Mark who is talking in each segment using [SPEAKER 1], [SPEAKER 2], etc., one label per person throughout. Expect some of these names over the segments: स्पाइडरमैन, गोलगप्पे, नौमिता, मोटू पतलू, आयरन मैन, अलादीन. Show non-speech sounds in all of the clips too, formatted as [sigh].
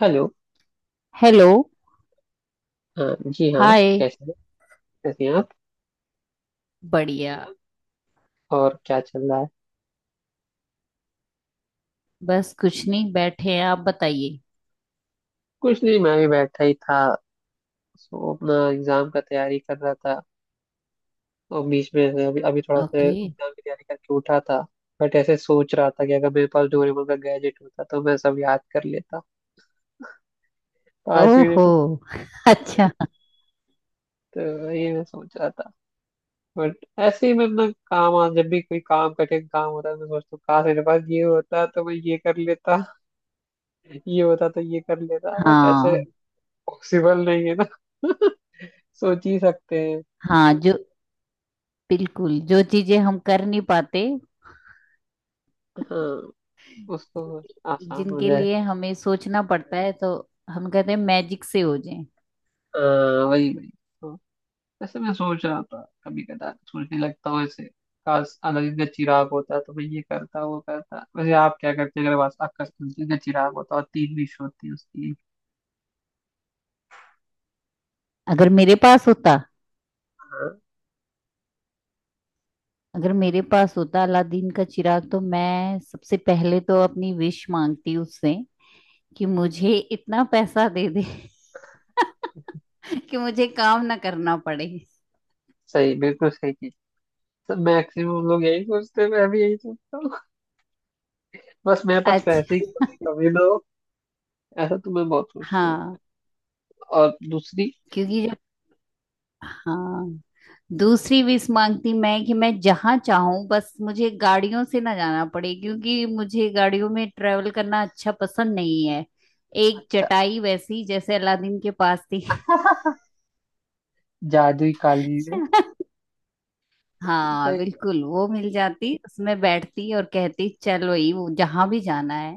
[SPEAKER 1] Hello.
[SPEAKER 2] Hello.
[SPEAKER 1] हाँ जी हाँ।
[SPEAKER 2] हाय।
[SPEAKER 1] कैसे हैं कैसे हैं आप?
[SPEAKER 2] बढ़िया।
[SPEAKER 1] और क्या चल रहा है?
[SPEAKER 2] बस कुछ नहीं, बैठे हैं। आप बताइए।
[SPEAKER 1] कुछ नहीं, मैं भी बैठा ही था। सो अपना एग्जाम का तैयारी कर रहा था और बीच में से अभी अभी थोड़ा सा
[SPEAKER 2] ओके।
[SPEAKER 1] एग्जाम की तैयारी करके उठा था। बट ऐसे सोच रहा था कि अगर मेरे पास डोरेमोन का गैजेट होता तो मैं सब याद कर लेता पाँच
[SPEAKER 2] ओहो।
[SPEAKER 1] मिनट में,
[SPEAKER 2] [laughs] अच्छा।
[SPEAKER 1] तो तो ये मैं सोच रहा था। बट ऐसे ही मैं अपना काम आज जब भी कोई काम कठिन काम होता है मैं सोचता हूँ काश मेरे पास ये होता तो मैं ये कर लेता। [laughs] ये होता तो ये कर लेता बट ऐसे
[SPEAKER 2] हाँ।
[SPEAKER 1] पॉसिबल नहीं है ना। [laughs] सोच ही सकते हैं।
[SPEAKER 2] हाँ जो, बिल्कुल। जो चीजें हम कर नहीं पाते,
[SPEAKER 1] हाँ, उसको आसान हो
[SPEAKER 2] जिनके
[SPEAKER 1] जाए।
[SPEAKER 2] लिए हमें सोचना पड़ता है, तो हम कहते हैं मैजिक से हो जाए।
[SPEAKER 1] हाँ वही वही। तो वैसे मैं सोच रहा था, कभी कदा सोचने लगता हूँ ऐसे। काश अलादीन का चिराग होता तो मैं ये करता वो करता। वैसे आप क्या करते अगर बस आपका अलादीन का चिराग होता और 3 विश होती उसकी?
[SPEAKER 2] अगर मेरे पास होता
[SPEAKER 1] हाँ।
[SPEAKER 2] अगर मेरे पास होता अलादीन का चिराग, तो मैं सबसे पहले तो अपनी विश मांगती उससे कि मुझे इतना पैसा दे दे। [laughs] कि मुझे काम ना करना पड़े।
[SPEAKER 1] सही, बिल्कुल सही चीज। तो मैक्सिमम लोग यही सोचते हैं, मैं भी यही सोचता हूँ। बस मेरे पास पैसे
[SPEAKER 2] अच्छा।
[SPEAKER 1] ही कमी कमी ना हो। ऐसा तो मैं बहुत सोचता हूँ।
[SPEAKER 2] हाँ,
[SPEAKER 1] और दूसरी।
[SPEAKER 2] क्योंकि जब हाँ, दूसरी विश मांगती मैं कि मैं जहाँ चाहूँ, बस मुझे गाड़ियों से ना जाना पड़े, क्योंकि मुझे गाड़ियों में ट्रेवल करना अच्छा पसंद नहीं है। एक
[SPEAKER 1] अच्छा,
[SPEAKER 2] चटाई वैसी जैसे अलादीन के पास थी।
[SPEAKER 1] जादुई कालीन
[SPEAKER 2] [laughs]
[SPEAKER 1] है।
[SPEAKER 2] हाँ बिल्कुल, वो मिल जाती, उसमें बैठती और कहती चलो ये वो जहाँ भी जाना है।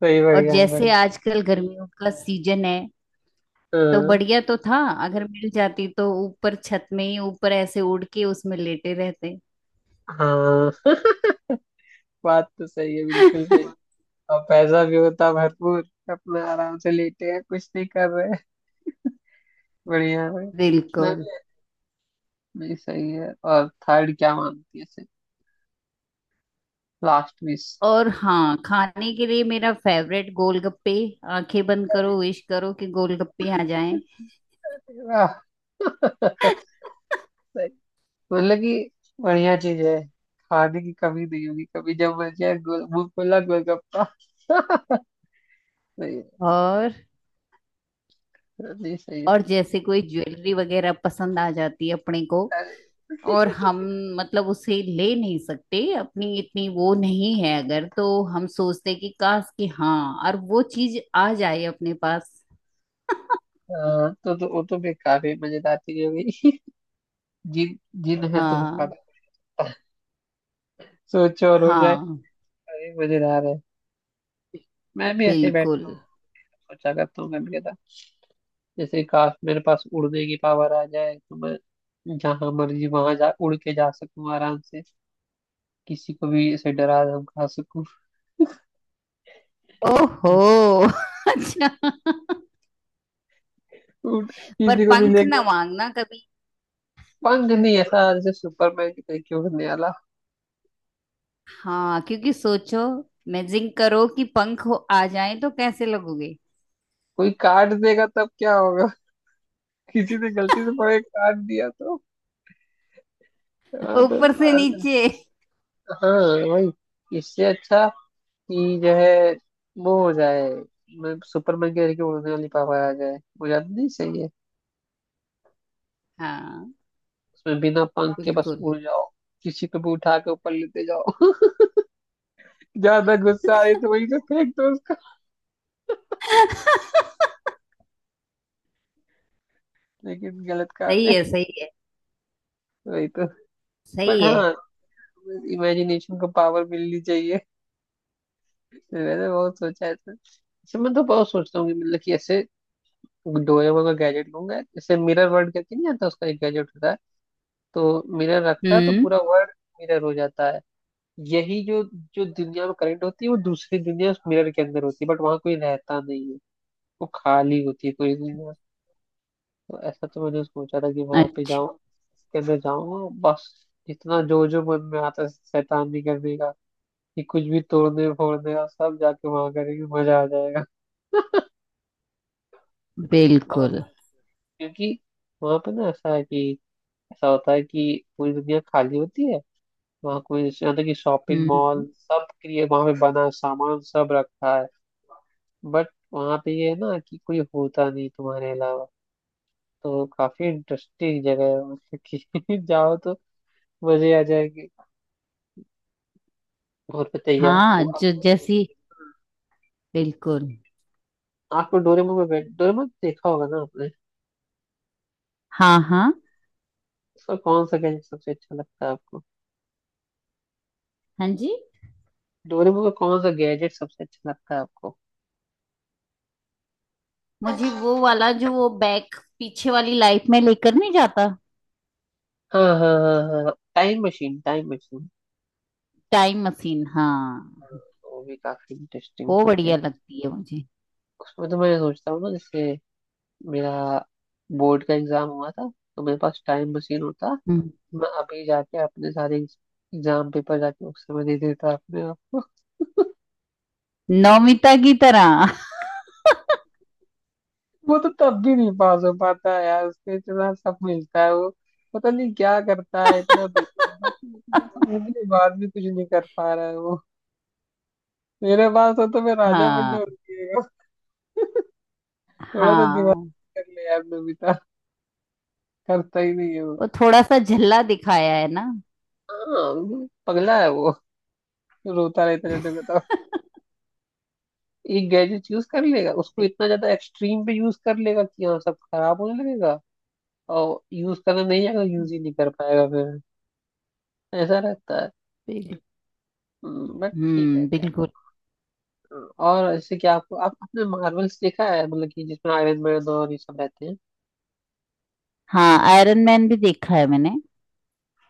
[SPEAKER 1] सही,
[SPEAKER 2] और
[SPEAKER 1] बढ़िया है भाई।
[SPEAKER 2] जैसे आजकल गर्मियों का सीजन है,
[SPEAKER 1] अ,
[SPEAKER 2] तो बढ़िया तो था अगर मिल जाती, तो ऊपर छत में ही ऊपर ऐसे उड़ के उसमें लेटे रहते।
[SPEAKER 1] हाँ। [laughs] बात तो सही है, बिल्कुल सही।
[SPEAKER 2] [laughs]
[SPEAKER 1] और पैसा भी होता भरपूर, अपना आराम से लेटे हैं, कुछ नहीं कर रहे हैं। बढ़िया है भाई। मैं
[SPEAKER 2] बिल्कुल।
[SPEAKER 1] भी। नहीं सही है। और थर्ड क्या मानती है इसे, लास्ट मिस?
[SPEAKER 2] और हाँ, खाने के लिए मेरा फेवरेट गोलगप्पे। आंखें बंद करो, विश करो कि गोलगप्पे आ जाएं।
[SPEAKER 1] वाह। [laughs] सही।
[SPEAKER 2] [laughs]
[SPEAKER 1] मतलब कि बढ़िया चीज है। खाने की कमी नहीं होगी कभी, जब बन जाए गोल मुंह खुला गोलगप्पा। [laughs] सही है।
[SPEAKER 2] और
[SPEAKER 1] नहीं सही
[SPEAKER 2] और
[SPEAKER 1] है।
[SPEAKER 2] जैसे कोई ज्वेलरी वगैरह पसंद आ जाती है अपने को,
[SPEAKER 1] अरे।
[SPEAKER 2] और हम, मतलब उसे ले नहीं सकते, अपनी इतनी वो नहीं है अगर, तो हम सोचते कि काश कि हाँ, और वो चीज आ जाए अपने पास। [laughs]
[SPEAKER 1] हाँ तो वो तो बेकार है, मजेदार चीज हो गई। जिन, जिन है तो फिर
[SPEAKER 2] हाँ।
[SPEAKER 1] पागल। सोचो और हो जाए।
[SPEAKER 2] हाँ
[SPEAKER 1] अरे, मजेदार है। मैं भी ऐसे
[SPEAKER 2] बिल्कुल।
[SPEAKER 1] बैठता हूँ, सोचा करता हूँ कभी कदा। जैसे काश मेरे पास उड़ने की पावर आ जाए तो मैं जहां मर्जी वहां जा, उड़ के जा सकूं आराम से, किसी को भी ऐसे डरा धमका सकूं।
[SPEAKER 2] ओहो। [laughs] अच्छा।
[SPEAKER 1] उड़-
[SPEAKER 2] पर
[SPEAKER 1] किसी को भी
[SPEAKER 2] पंख ना
[SPEAKER 1] लेकर।
[SPEAKER 2] मांगना कभी।
[SPEAKER 1] पंख नहीं, ऐसा जैसे सुपरमैन की तरीके उड़ने वाला।
[SPEAKER 2] हाँ, क्योंकि सोचो, इमेजिन करो कि पंख हो आ जाए तो कैसे लगोगे,
[SPEAKER 1] कोई काट देगा तब क्या होगा? किसी ने गलती से पकड़ के काट दिया तो? हाँ तो
[SPEAKER 2] ऊपर से
[SPEAKER 1] हाँ।
[SPEAKER 2] नीचे।
[SPEAKER 1] हाँ, वही इससे अच्छा कि जो है वो हो जाए। मैं सुपरमैन के जरिए उड़ने वाली पावर आ जाए वो ज्यादा नहीं सही है।
[SPEAKER 2] हाँ।
[SPEAKER 1] उसमें बिना पंख के बस
[SPEAKER 2] बिल्कुल।
[SPEAKER 1] उड़ जाओ, किसी को भी उठा के ऊपर लेते जाओ। [laughs] ज्यादा गुस्सा आए तो वहीं से फेंक दो उसको। लेकिन गलत काम
[SPEAKER 2] सही
[SPEAKER 1] है।
[SPEAKER 2] है। सही है।
[SPEAKER 1] वही तो। बट
[SPEAKER 2] सही है।
[SPEAKER 1] हाँ, इमेजिनेशन को पावर मिलनी चाहिए। मैंने बहुत सोचा है तो। अच्छा, मैं तो बहुत सोचता हूँ कि मतलब कि ऐसे डोरेमोन का गैजेट लूंगा। जैसे मिरर वर्ल्ड करके नहीं आता, उसका एक गैजेट होता है, तो मिरर रखता है तो
[SPEAKER 2] हम्म।
[SPEAKER 1] पूरा वर्ल्ड मिरर हो जाता है। यही जो जो दुनिया में करंट होती है वो दूसरी दुनिया उस मिरर के अंदर होती है, बट वहां कोई रहता नहीं है, वो खाली होती है पूरी दुनिया। तो ऐसा तो मैंने सोचा था कि वहां पे
[SPEAKER 2] अच्छा।
[SPEAKER 1] जाऊं, के अंदर जाऊंगा बस। जितना जो जो मन में आता है शैतानी करने का, कि कुछ भी तोड़ने फोड़ने का, सब जाके वहां करेंगे, मजा आ जाएगा। और
[SPEAKER 2] बिल्कुल।
[SPEAKER 1] क्योंकि वहां पे ना ऐसा है कि ऐसा होता है कि पूरी दुनिया खाली होती है। वहाँ कोई, यहाँ तक कि शॉपिंग
[SPEAKER 2] हम्म।
[SPEAKER 1] मॉल सब के लिए वहाँ पे बना है, सामान सब रखा है, बट वहाँ पे ये है ना कि कोई होता नहीं तुम्हारे अलावा। तो काफी इंटरेस्टिंग जगह है, मतलब कि [laughs] जाओ तो मजे आ जाएंगे। और बताइए
[SPEAKER 2] हाँ जो, जैसी, बिल्कुल।
[SPEAKER 1] आपको डोरेमोन में बैठ डोरेमोन देखा होगा ना आपने?
[SPEAKER 2] हाँ। हाँ।
[SPEAKER 1] उसका कौन सा गैजेट सबसे अच्छा लगता है आपको?
[SPEAKER 2] हाँ जी।
[SPEAKER 1] डोरेमोन का कौन सा गैजेट सबसे अच्छा लगता है आपको?
[SPEAKER 2] मुझे
[SPEAKER 1] हाँ
[SPEAKER 2] वो वाला जो वो बैग पीछे वाली लाइफ में लेकर नहीं जाता।
[SPEAKER 1] हाँ हाँ हाँ, time machine time machine.
[SPEAKER 2] Time machine, हाँ।
[SPEAKER 1] वो भी काफी इंटरेस्टिंग
[SPEAKER 2] वो
[SPEAKER 1] चीज है।
[SPEAKER 2] बढ़िया लगती है मुझे।
[SPEAKER 1] उसमें तो मैं सोचता हूँ ना, जैसे मेरा बोर्ड का एग्जाम हुआ था तो मेरे पास टाइम मशीन होता,
[SPEAKER 2] हम्म।
[SPEAKER 1] मैं अभी जाके अपने सारे एग्जाम पेपर जाके उस समय दे देता अपने आप को।
[SPEAKER 2] नौमिता की तरह।
[SPEAKER 1] [laughs] वो तो तब भी नहीं पास हो पाता है यार। उसको इतना सब मिलता है वो, पता नहीं क्या करता है इतना। बस इतना सब
[SPEAKER 2] [laughs]
[SPEAKER 1] होने के बाद भी कुछ नहीं कर पा रहा है वो। मेरे पास हो तो मैं राजा बन
[SPEAKER 2] हाँ।
[SPEAKER 1] जाऊंगा। [laughs] थोड़ा तो दिमाग
[SPEAKER 2] हाँ,
[SPEAKER 1] कर ले यार नमिता, करता ही नहीं है वो।
[SPEAKER 2] वो थोड़ा सा झल्ला दिखाया है ना।
[SPEAKER 1] हाँ पगला है वो, रोता रहता है जब देखो तब।
[SPEAKER 2] [laughs]
[SPEAKER 1] एक गैजेट यूज कर लेगा, उसको इतना ज्यादा एक्सट्रीम पे यूज कर लेगा कि हाँ सब खराब होने लगेगा, और यूज करना नहीं आएगा, यूज ही नहीं कर पाएगा फिर, ऐसा रहता है।
[SPEAKER 2] बिल्कुल।
[SPEAKER 1] बट ठीक है
[SPEAKER 2] हम्म,
[SPEAKER 1] क्या।
[SPEAKER 2] बिल्कुल।
[SPEAKER 1] और इससे क्या, आपको आप आपने मार्वल्स देखा है? मतलब कि जिसमें आयरन मैन और ये सब रहते हैं।
[SPEAKER 2] हाँ, आयरन मैन भी देखा है मैंने।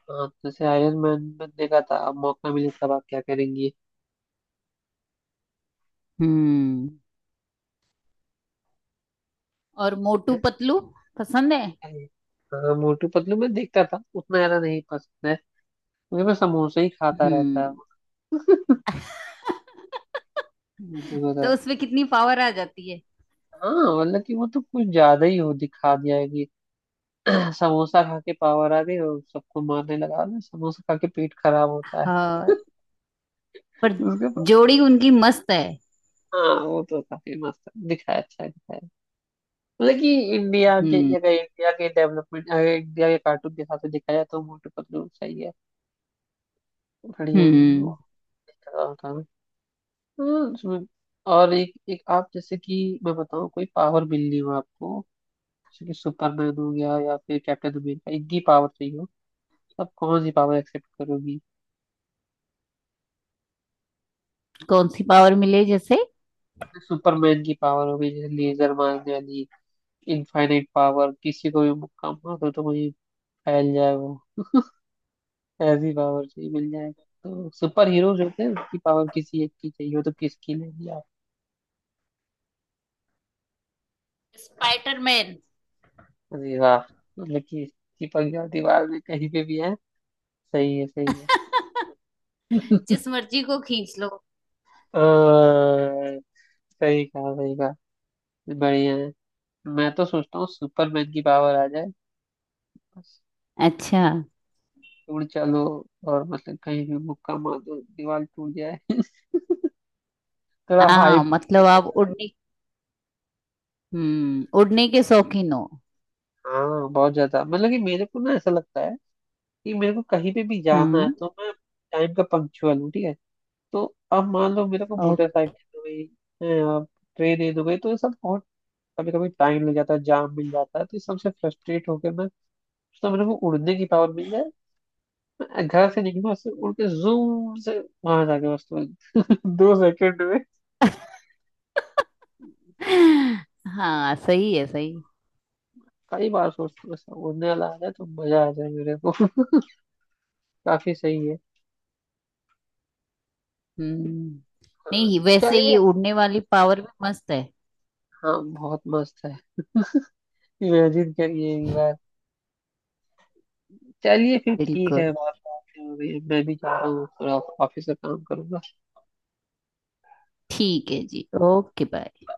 [SPEAKER 1] हाँ तो जैसे आयरन मैन में देखा था, अब मौका मिले तब आप क्या करेंगी?
[SPEAKER 2] हम्म। और मोटू पतलू पसंद है।
[SPEAKER 1] हाँ, मोटू पतलू में देखता था, उतना ज्यादा नहीं पसंद है क्योंकि मैं समोसे ही खाता
[SPEAKER 2] हम्म,
[SPEAKER 1] रहता हूँ।
[SPEAKER 2] तो
[SPEAKER 1] [laughs]
[SPEAKER 2] उसमें कितनी पावर आ जाती है।
[SPEAKER 1] हाँ मतलब कि वो तो कुछ ज्यादा ही हो दिखा दिया है कि [clears throat] समोसा खा के पावर आ गई और सबको मारने लगा ना। समोसा खा के पेट खराब होता है
[SPEAKER 2] हाँ। पर
[SPEAKER 1] उसके बाद-
[SPEAKER 2] जोड़ी उनकी मस्त है।
[SPEAKER 1] हाँ वो तो काफी मस्त दिखाया, अच्छा दिखाया। मतलब कि इंडिया के,
[SPEAKER 2] हम्म।
[SPEAKER 1] अगर इंडिया के डेवलपमेंट, अगर इंडिया के कार्टून के हिसाब से देखा जाए तो मोटू पतलू सही है, बढ़िया है वो।
[SPEAKER 2] हम्म।
[SPEAKER 1] देखा होता है। हाँ, उसमें- और एक एक आप, जैसे कि मैं बताऊँ कोई पावर मिल रही हो आपको, जैसे कि सुपरमैन हो गया या फिर कैप्टन अमेरिका, इनकी पावर चाहिए। अब कौन सी पावर एक्सेप्ट करोगी?
[SPEAKER 2] कौन सी पावर मिले जैसे।
[SPEAKER 1] सुपरमैन की पावर होगी जैसे लेजर मारने वाली, इनफाइनाइट पावर, किसी को भी मुक्का मारो तो वही फैल जाए वो, ऐसी पावर चाहिए मिल जाए तो। सुपर हीरोज होते हैं उसकी पावर किसी एक की चाहिए हो तो किसकी लेंगी आप?
[SPEAKER 2] स्पाइडरमैन।
[SPEAKER 1] अरे वाह। मतलब कि चिपक जाओ दीवार में कहीं पे भी है। सही है सही है।
[SPEAKER 2] [laughs] जिस मर्जी को खींच लो।
[SPEAKER 1] अ, सही कहा सही कहा, बढ़िया है। मैं तो सोचता हूँ सुपरमैन की पावर आ जाए बस,
[SPEAKER 2] अच्छा।
[SPEAKER 1] उड़ चलो। और मतलब कहीं भी मुक्का मार दो दीवार टूट जाए। [laughs] थोड़ा
[SPEAKER 2] हाँ
[SPEAKER 1] हाइप।
[SPEAKER 2] मतलब आप उड़ने, हम्म, उड़ने के शौकीन हो।
[SPEAKER 1] हाँ बहुत ज्यादा, मतलब कि मेरे को ना ऐसा लगता है कि मेरे को कहीं पे भी जाना है
[SPEAKER 2] हाँ।
[SPEAKER 1] तो मैं टाइम का पंक्चुअल हूँ, ठीक है, तो अब मान लो मेरे को
[SPEAKER 2] ओके।
[SPEAKER 1] मोटरसाइकिल हो गई, ट्रेन हो गई तो ये सब बहुत कभी कभी टाइम लग जाता है, जाम मिल जाता है तो इस सबसे फ्रस्ट्रेट होकर मैं, तो मेरे को उड़ने की पावर मिल जाए, मैं घर से निकलूँ, उससे उड़ के जूम से वहां जाके बस तुरंत। [laughs] 2 सेकंड।
[SPEAKER 2] हाँ सही है। सही।
[SPEAKER 1] कई बार सोच बस उड़ने वाला आ जाए तो मजा आ जाए मेरे को। [laughs] काफी सही है।
[SPEAKER 2] हम्म। नहीं
[SPEAKER 1] हाँ,
[SPEAKER 2] वैसे ये
[SPEAKER 1] चलिए।
[SPEAKER 2] उड़ने वाली पावर भी मस्त है।
[SPEAKER 1] हाँ बहुत मस्त है, इमेजिन करिए एक बार। चलिए फिर, ठीक
[SPEAKER 2] बिल्कुल।
[SPEAKER 1] है, बात बात हो गई है। मैं भी जा रहा हूँ थोड़ा, ऑफिस का काम करूंगा।
[SPEAKER 2] ठीक है जी। Okay, bye.